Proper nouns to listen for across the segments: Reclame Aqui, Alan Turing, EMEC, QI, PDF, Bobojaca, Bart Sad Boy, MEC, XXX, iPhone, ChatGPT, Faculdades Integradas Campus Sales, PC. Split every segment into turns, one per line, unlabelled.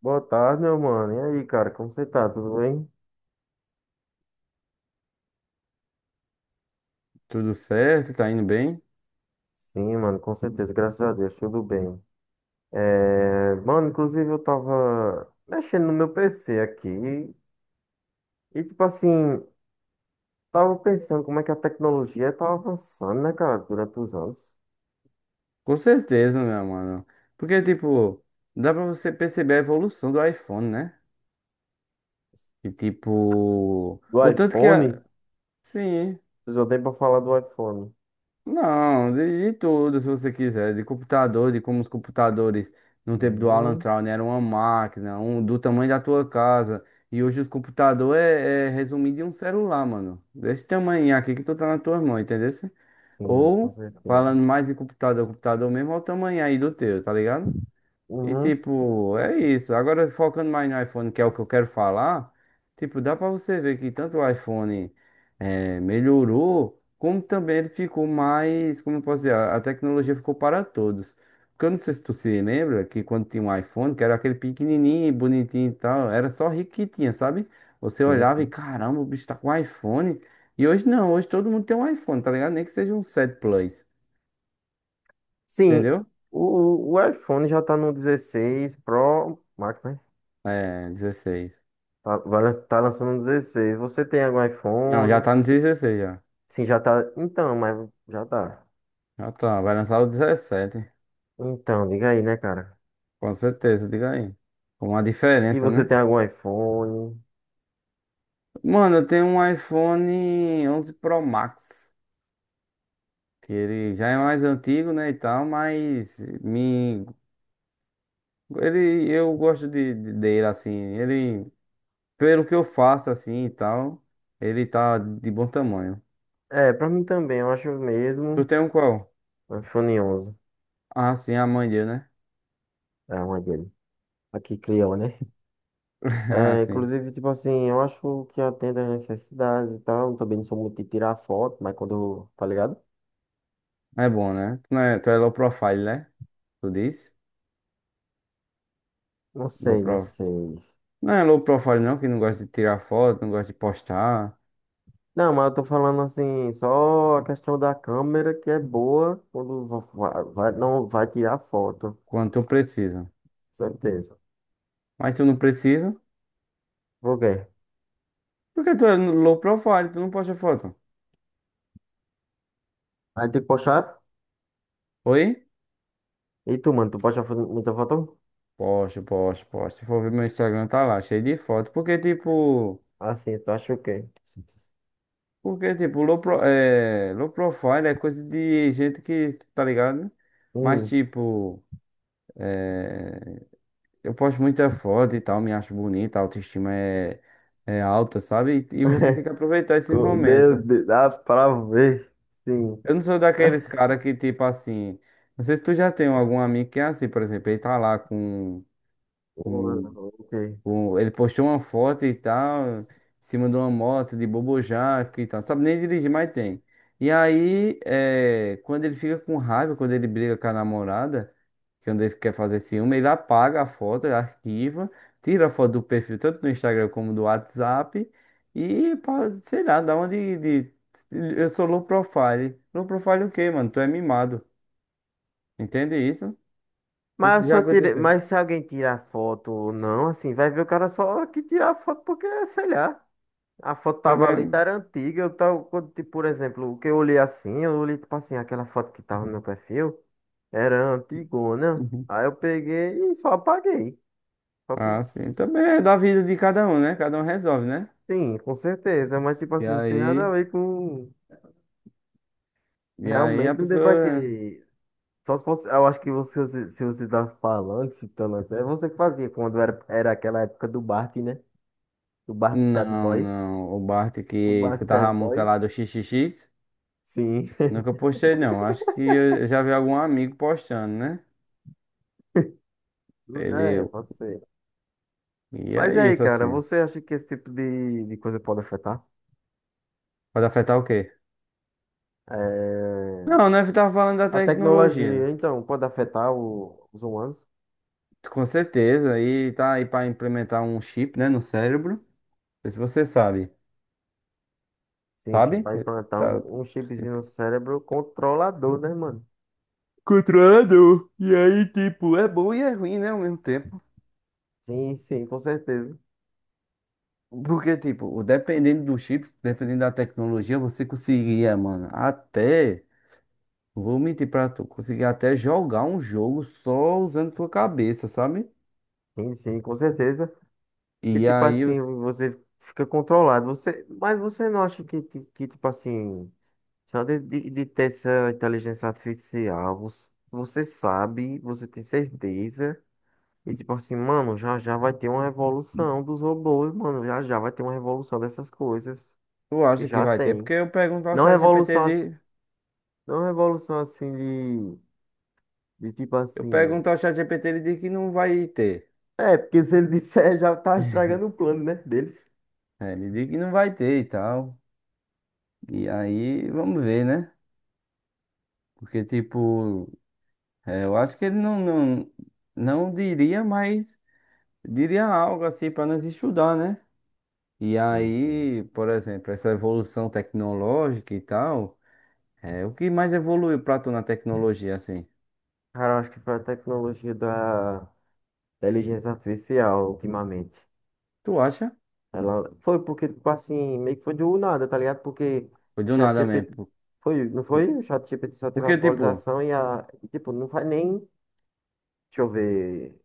Boa tarde, meu mano. E aí, cara, como você tá? Tudo bem?
Tudo certo, tá indo bem?
Sim, mano, com certeza, graças a Deus, tudo bem. É, mano, inclusive eu tava mexendo no meu PC aqui e, tipo assim, tava pensando como é que a tecnologia tá avançando, né, cara, durante os anos.
Com certeza, meu mano. Porque, tipo, dá pra você perceber a evolução do iPhone, né? E, tipo,
Do
o tanto que a.
iPhone?
Sim,
Eu já dei pra falar do iPhone.
não, de tudo, se você quiser. De computador, de como os computadores no tempo do Alan
Uhum.
Turing eram uma máquina, um do tamanho da tua casa. E hoje o computador é resumido em um celular, mano. Desse tamanho aqui que tu tá na tua mão, entendeu?
Sim, com
Ou,
certeza.
falando mais em computador, computador mesmo, olha o tamanho aí do teu, tá ligado? E
Uhum.
tipo, é isso. Agora focando mais no iPhone, que é o que eu quero falar, tipo, dá pra você ver que tanto o iPhone melhorou, como também ele ficou mais, como eu posso dizer, a tecnologia ficou para todos. Porque eu não sei se tu se lembra que quando tinha um iPhone, que era aquele pequenininho, bonitinho e tal, era só rico que tinha, sabe? Você
Sim,
olhava e
sim.
caramba, o bicho tá com iPhone. E hoje não, hoje todo mundo tem um iPhone, tá ligado? Nem que seja um 7 Plus,
Sim,
entendeu?
o iPhone já tá no 16 Pro Max, né?
É, 16.
Tá, tá lançando um 16. Você tem algum
Não, já
iPhone?
tá no 16 já.
Sim, já tá. Então, mas já tá.
Ah, tá. Vai lançar o 17.
Então, diga aí, né, cara?
Com certeza, diga aí. Com uma
E
diferença,
você
né?
tem algum iPhone?
Mano, eu tenho um iPhone 11 Pro Max. Que ele já é mais antigo, né, e tal, mas me... Ele, eu gosto dele, assim. Ele, pelo que eu faço, assim, e tal, ele tá de bom tamanho.
É, pra mim também, eu acho o
Tu
mesmo.
tem um qual?
Um iPhone 11.
Ah, sim, a mãe dele, né?
É uma dele. Aqui criou, né?
Ah,
É,
sim.
inclusive, tipo assim, eu acho que atende às necessidades e tal. Também não sou muito de tirar foto, mas quando, tá ligado?
É bom, né? Tu, não é, tu é low profile, né? Tu diz?
Não
Low
sei, não
profile.
sei.
Não é low profile não, que não gosta de tirar foto, não gosta de postar,
Não, mas eu tô falando assim, só a questão da câmera que é boa quando vai, não vai tirar foto,
quando tu precisa.
certeza.
Mas tu não precisa,
Por quê?
porque tu é low profile, tu não posta foto.
Aí tem que postar?
Oi?
E tu, mano, tu posta muita foto?
Posta, posta, posta. Se for ver meu Instagram, tá lá, cheio de foto. Porque tipo,
Assim, tu acha o quê?
low, pro, é, low profile é coisa de gente que, tá ligado? Mas
Hum,
tipo, é, eu posto muita foto e tal, me acho bonita, a autoestima é alta, sabe? E você tem que aproveitar esses momentos.
meu Deus, dá pra ver, sim.
Eu não sou daqueles cara que, tipo assim. Não sei se tu já tem algum amigo que é assim, por exemplo, ele tá lá com, com
Oh, ok.
ele postou uma foto e tal, em cima de uma moto de Bobojaca e tal. Sabe nem dirigir, mas tem. E aí, é, quando ele fica com raiva, quando ele briga com a namorada, quando ele quer fazer ciúme, ele apaga a foto, ele arquiva, tira a foto do perfil, tanto no Instagram como do WhatsApp, e, sei lá, dá uma Eu sou low profile. Low profile o quê, mano? Tu é mimado. Entende isso? Isso
Mas eu
já
só tirei,
aconteceu.
mas se alguém tirar foto ou não, assim, vai ver o cara só que tirar foto porque, é, sei lá. A foto
Tá
tava ali, tá
vendo?
era antiga. Eu tava, quando, tipo, por exemplo, o que eu olhei assim, eu olhei, tipo assim, aquela foto que tava no meu perfil, era antigona. Aí eu peguei e só apaguei. Só que,
Ah, sim. Também é da vida de cada um, né? Cada um resolve, né?
sim, com certeza, mas, tipo
E
assim, não tem nada a
aí,
ver com.
a
Realmente não tem pra
pessoa.
quê. Só se fosse. Eu acho que você, se você tivesse falando, citando assim, é você que fazia quando era, era aquela época do Bart, né? Do Bart Sad
Não,
Boy.
não. O Bart que
O Bart
escutava a
Sad
música
Boy.
lá do XXX,
Sim.
nunca postei, não. Acho que eu já vi algum amigo postando, né?
É,
Ele.
pode ser.
E
Mas e
é
aí,
isso,
cara,
assim.
você acha que esse tipo de coisa pode afetar?
Pode afetar o quê?
É,
Não, né? Eu tava falando da
a
tecnologia, né?
tecnologia, então, pode afetar os humanos?
Com certeza. E tá aí pra implementar um chip, né? No cérebro. Não sei se você sabe.
Sim, sim,
Sabe?
vai implantar
Tá.
um, um chipzinho no cérebro controlador, né, mano?
Controlado. E aí, tipo, é bom e é ruim, né, ao mesmo tempo.
Sim, sim, com certeza.
Porque, tipo, dependendo do chip, dependendo da tecnologia, você conseguia, mano, até, não vou mentir pra tu, conseguia até jogar um jogo só usando tua cabeça, sabe?
Sim, sim, com certeza. E
E
tipo
aí,
assim, você fica controlado. Você... Mas você não acha que, tipo assim, só de ter essa inteligência artificial, você, você sabe, você tem certeza. E tipo assim, mano, já já vai ter uma revolução dos robôs, mano. Já já vai ter uma revolução dessas coisas.
tu
E
acha que
já
vai ter?
tem.
Porque
Não revolução, não revolução assim de tipo
Eu
assim.
pergunto ao ChatGPT, ele diz que não vai ter.
É, porque se ele disser, já tá estragando o plano, né, deles.
É, ele diz que não vai ter e tal. E aí, vamos ver, né? Porque, tipo. É, eu acho que ele não diria, mas diria algo assim para nós estudar, né? E
Sim, sim.
aí, por exemplo, essa evolução tecnológica e tal, é, o que mais evoluiu pra tu na tecnologia, assim?
Cara, eu acho que foi a tecnologia da inteligência artificial ultimamente.
Tu acha?
Ela foi porque, tipo assim, meio que foi do nada, tá ligado? Porque
Foi
o
do
chat G
nada mesmo.
GPT foi, não
Por-
foi? O chat G GPT só teve
Porque, tipo,
atualização e a, e, tipo, não faz nem deixa eu ver,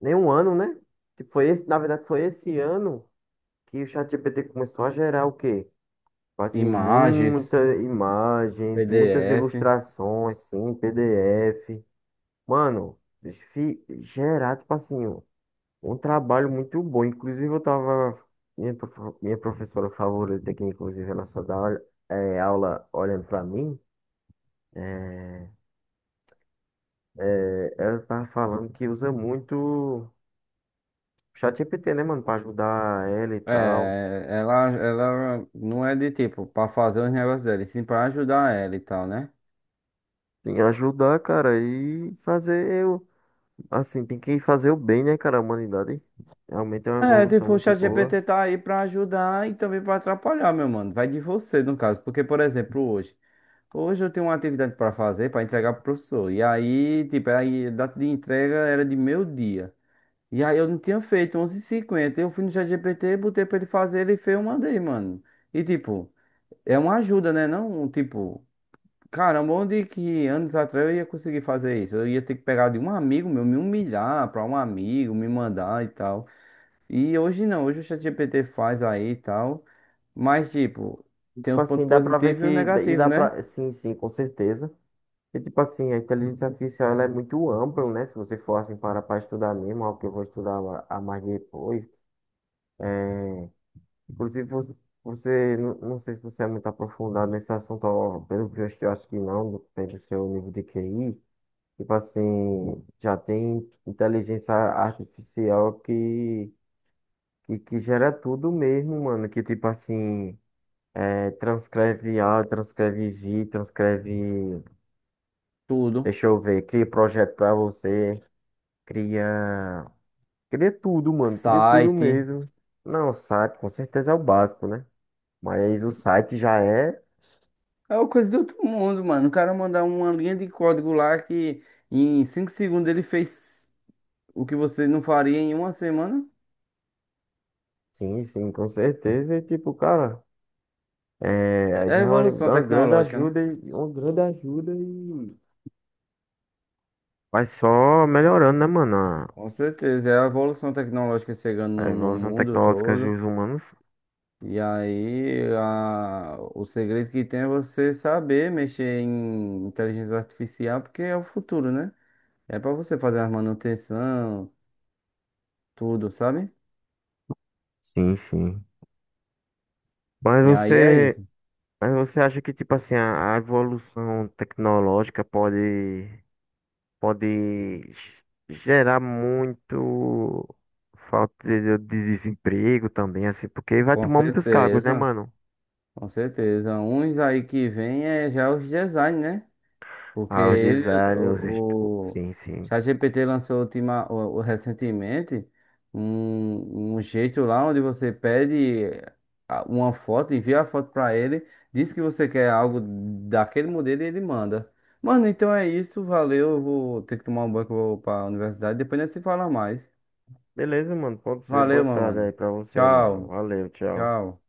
nem um ano, né? Tipo, foi esse, na verdade, foi esse ano que o ChatGPT começou a gerar o quê? Assim,
imagens,
muitas imagens, muitas
PDF,
ilustrações, sim, PDF. Mano, gerar, tipo assim, um trabalho muito bom. Inclusive, eu tava. Minha, minha professora favorita, que inclusive ela só é, aula olhando pra mim, é, é, ela tá falando que usa muito. ChatGPT, né, mano, pra ajudar ela e tal.
é, ela não é de tipo pra fazer os negócios dela, e sim pra ajudar ela e tal, né?
Tem que ajudar, cara, e fazer o. Assim, tem que fazer o bem, né, cara, a humanidade. Realmente é uma
É,
evolução
tipo, o
muito boa.
ChatGPT tá aí pra ajudar e também pra atrapalhar, meu mano. Vai de você, no caso. Porque, por exemplo, hoje. Hoje eu tenho uma atividade pra fazer, pra entregar pro professor. E aí, tipo, aí, a data de entrega era de meio-dia. E aí eu não tinha feito, onze h 50. Eu fui no ChatGPT, botei pra ele fazer, ele fez, eu mandei, mano. E, tipo, é uma ajuda, né? Não, tipo, caramba, onde que anos atrás eu ia conseguir fazer isso? Eu ia ter que pegar de um amigo meu, me humilhar pra um amigo, me mandar e tal. E hoje não, hoje o ChatGPT faz aí e tal. Mas, tipo, tem
Tipo
os pontos
assim, dá pra ver
positivos
que.
e os
E
negativos,
dá
né?
pra. Sim, sim, com certeza. E tipo assim, a inteligência artificial ela é muito ampla, né? Se você for assim para pra estudar mesmo, algo que eu vou estudar a mais depois. Inclusive, você, você não, não sei se você é muito aprofundado nesse assunto, ó, pelo visto, eu acho que não, pelo seu nível de QI. Tipo assim, já tem inteligência artificial que gera tudo mesmo, mano. Que tipo assim, é, transcreve áudio, transcreve vídeo, transcreve.
Tudo.
Deixa eu ver, cria projeto pra você, cria. Cria tudo, mano, cria tudo
Site.
mesmo. Não, o site com certeza é o básico, né? Mas o site já é,
É uma coisa de outro mundo, mano. O cara mandar uma linha de código lá que em 5 segundos ele fez o que você não faria em uma semana.
sim, sim, com certeza. E tipo, cara, é,
É a
já é
evolução
uma grande
tecnológica, né?
ajuda, e uma grande ajuda e. Vai só melhorando, né, mano?
Com certeza, é a evolução tecnológica chegando
A
no
evolução
mundo
tecnológica
todo.
dos humanos.
E aí, o segredo que tem é você saber mexer em inteligência artificial, porque é o futuro, né? É pra você fazer a manutenção, tudo, sabe?
Sim, sim. Mas
E aí é
você,
isso.
mas você acha que, tipo assim, a evolução tecnológica pode, pode gerar muito falta de desemprego também, assim, porque vai
Com
tomar muitos cargos, né,
certeza,
mano?
com certeza. Uns aí que vem é já os design, né? Porque
Ah, os
ele,
designers,
o, o
sim, sim.
ChatGPT lançou recentemente um jeito lá onde você pede uma foto, envia a foto para ele, diz que você quer algo daquele modelo e ele manda. Mano, então é isso, valeu. Eu vou ter que tomar um banho que eu vou para a universidade. Depois nós se fala mais.
Beleza, mano. Pode ser. Boa
Valeu, meu
tarde aí
mano.
pra você, mano.
Tchau,
Valeu, tchau.
tchau.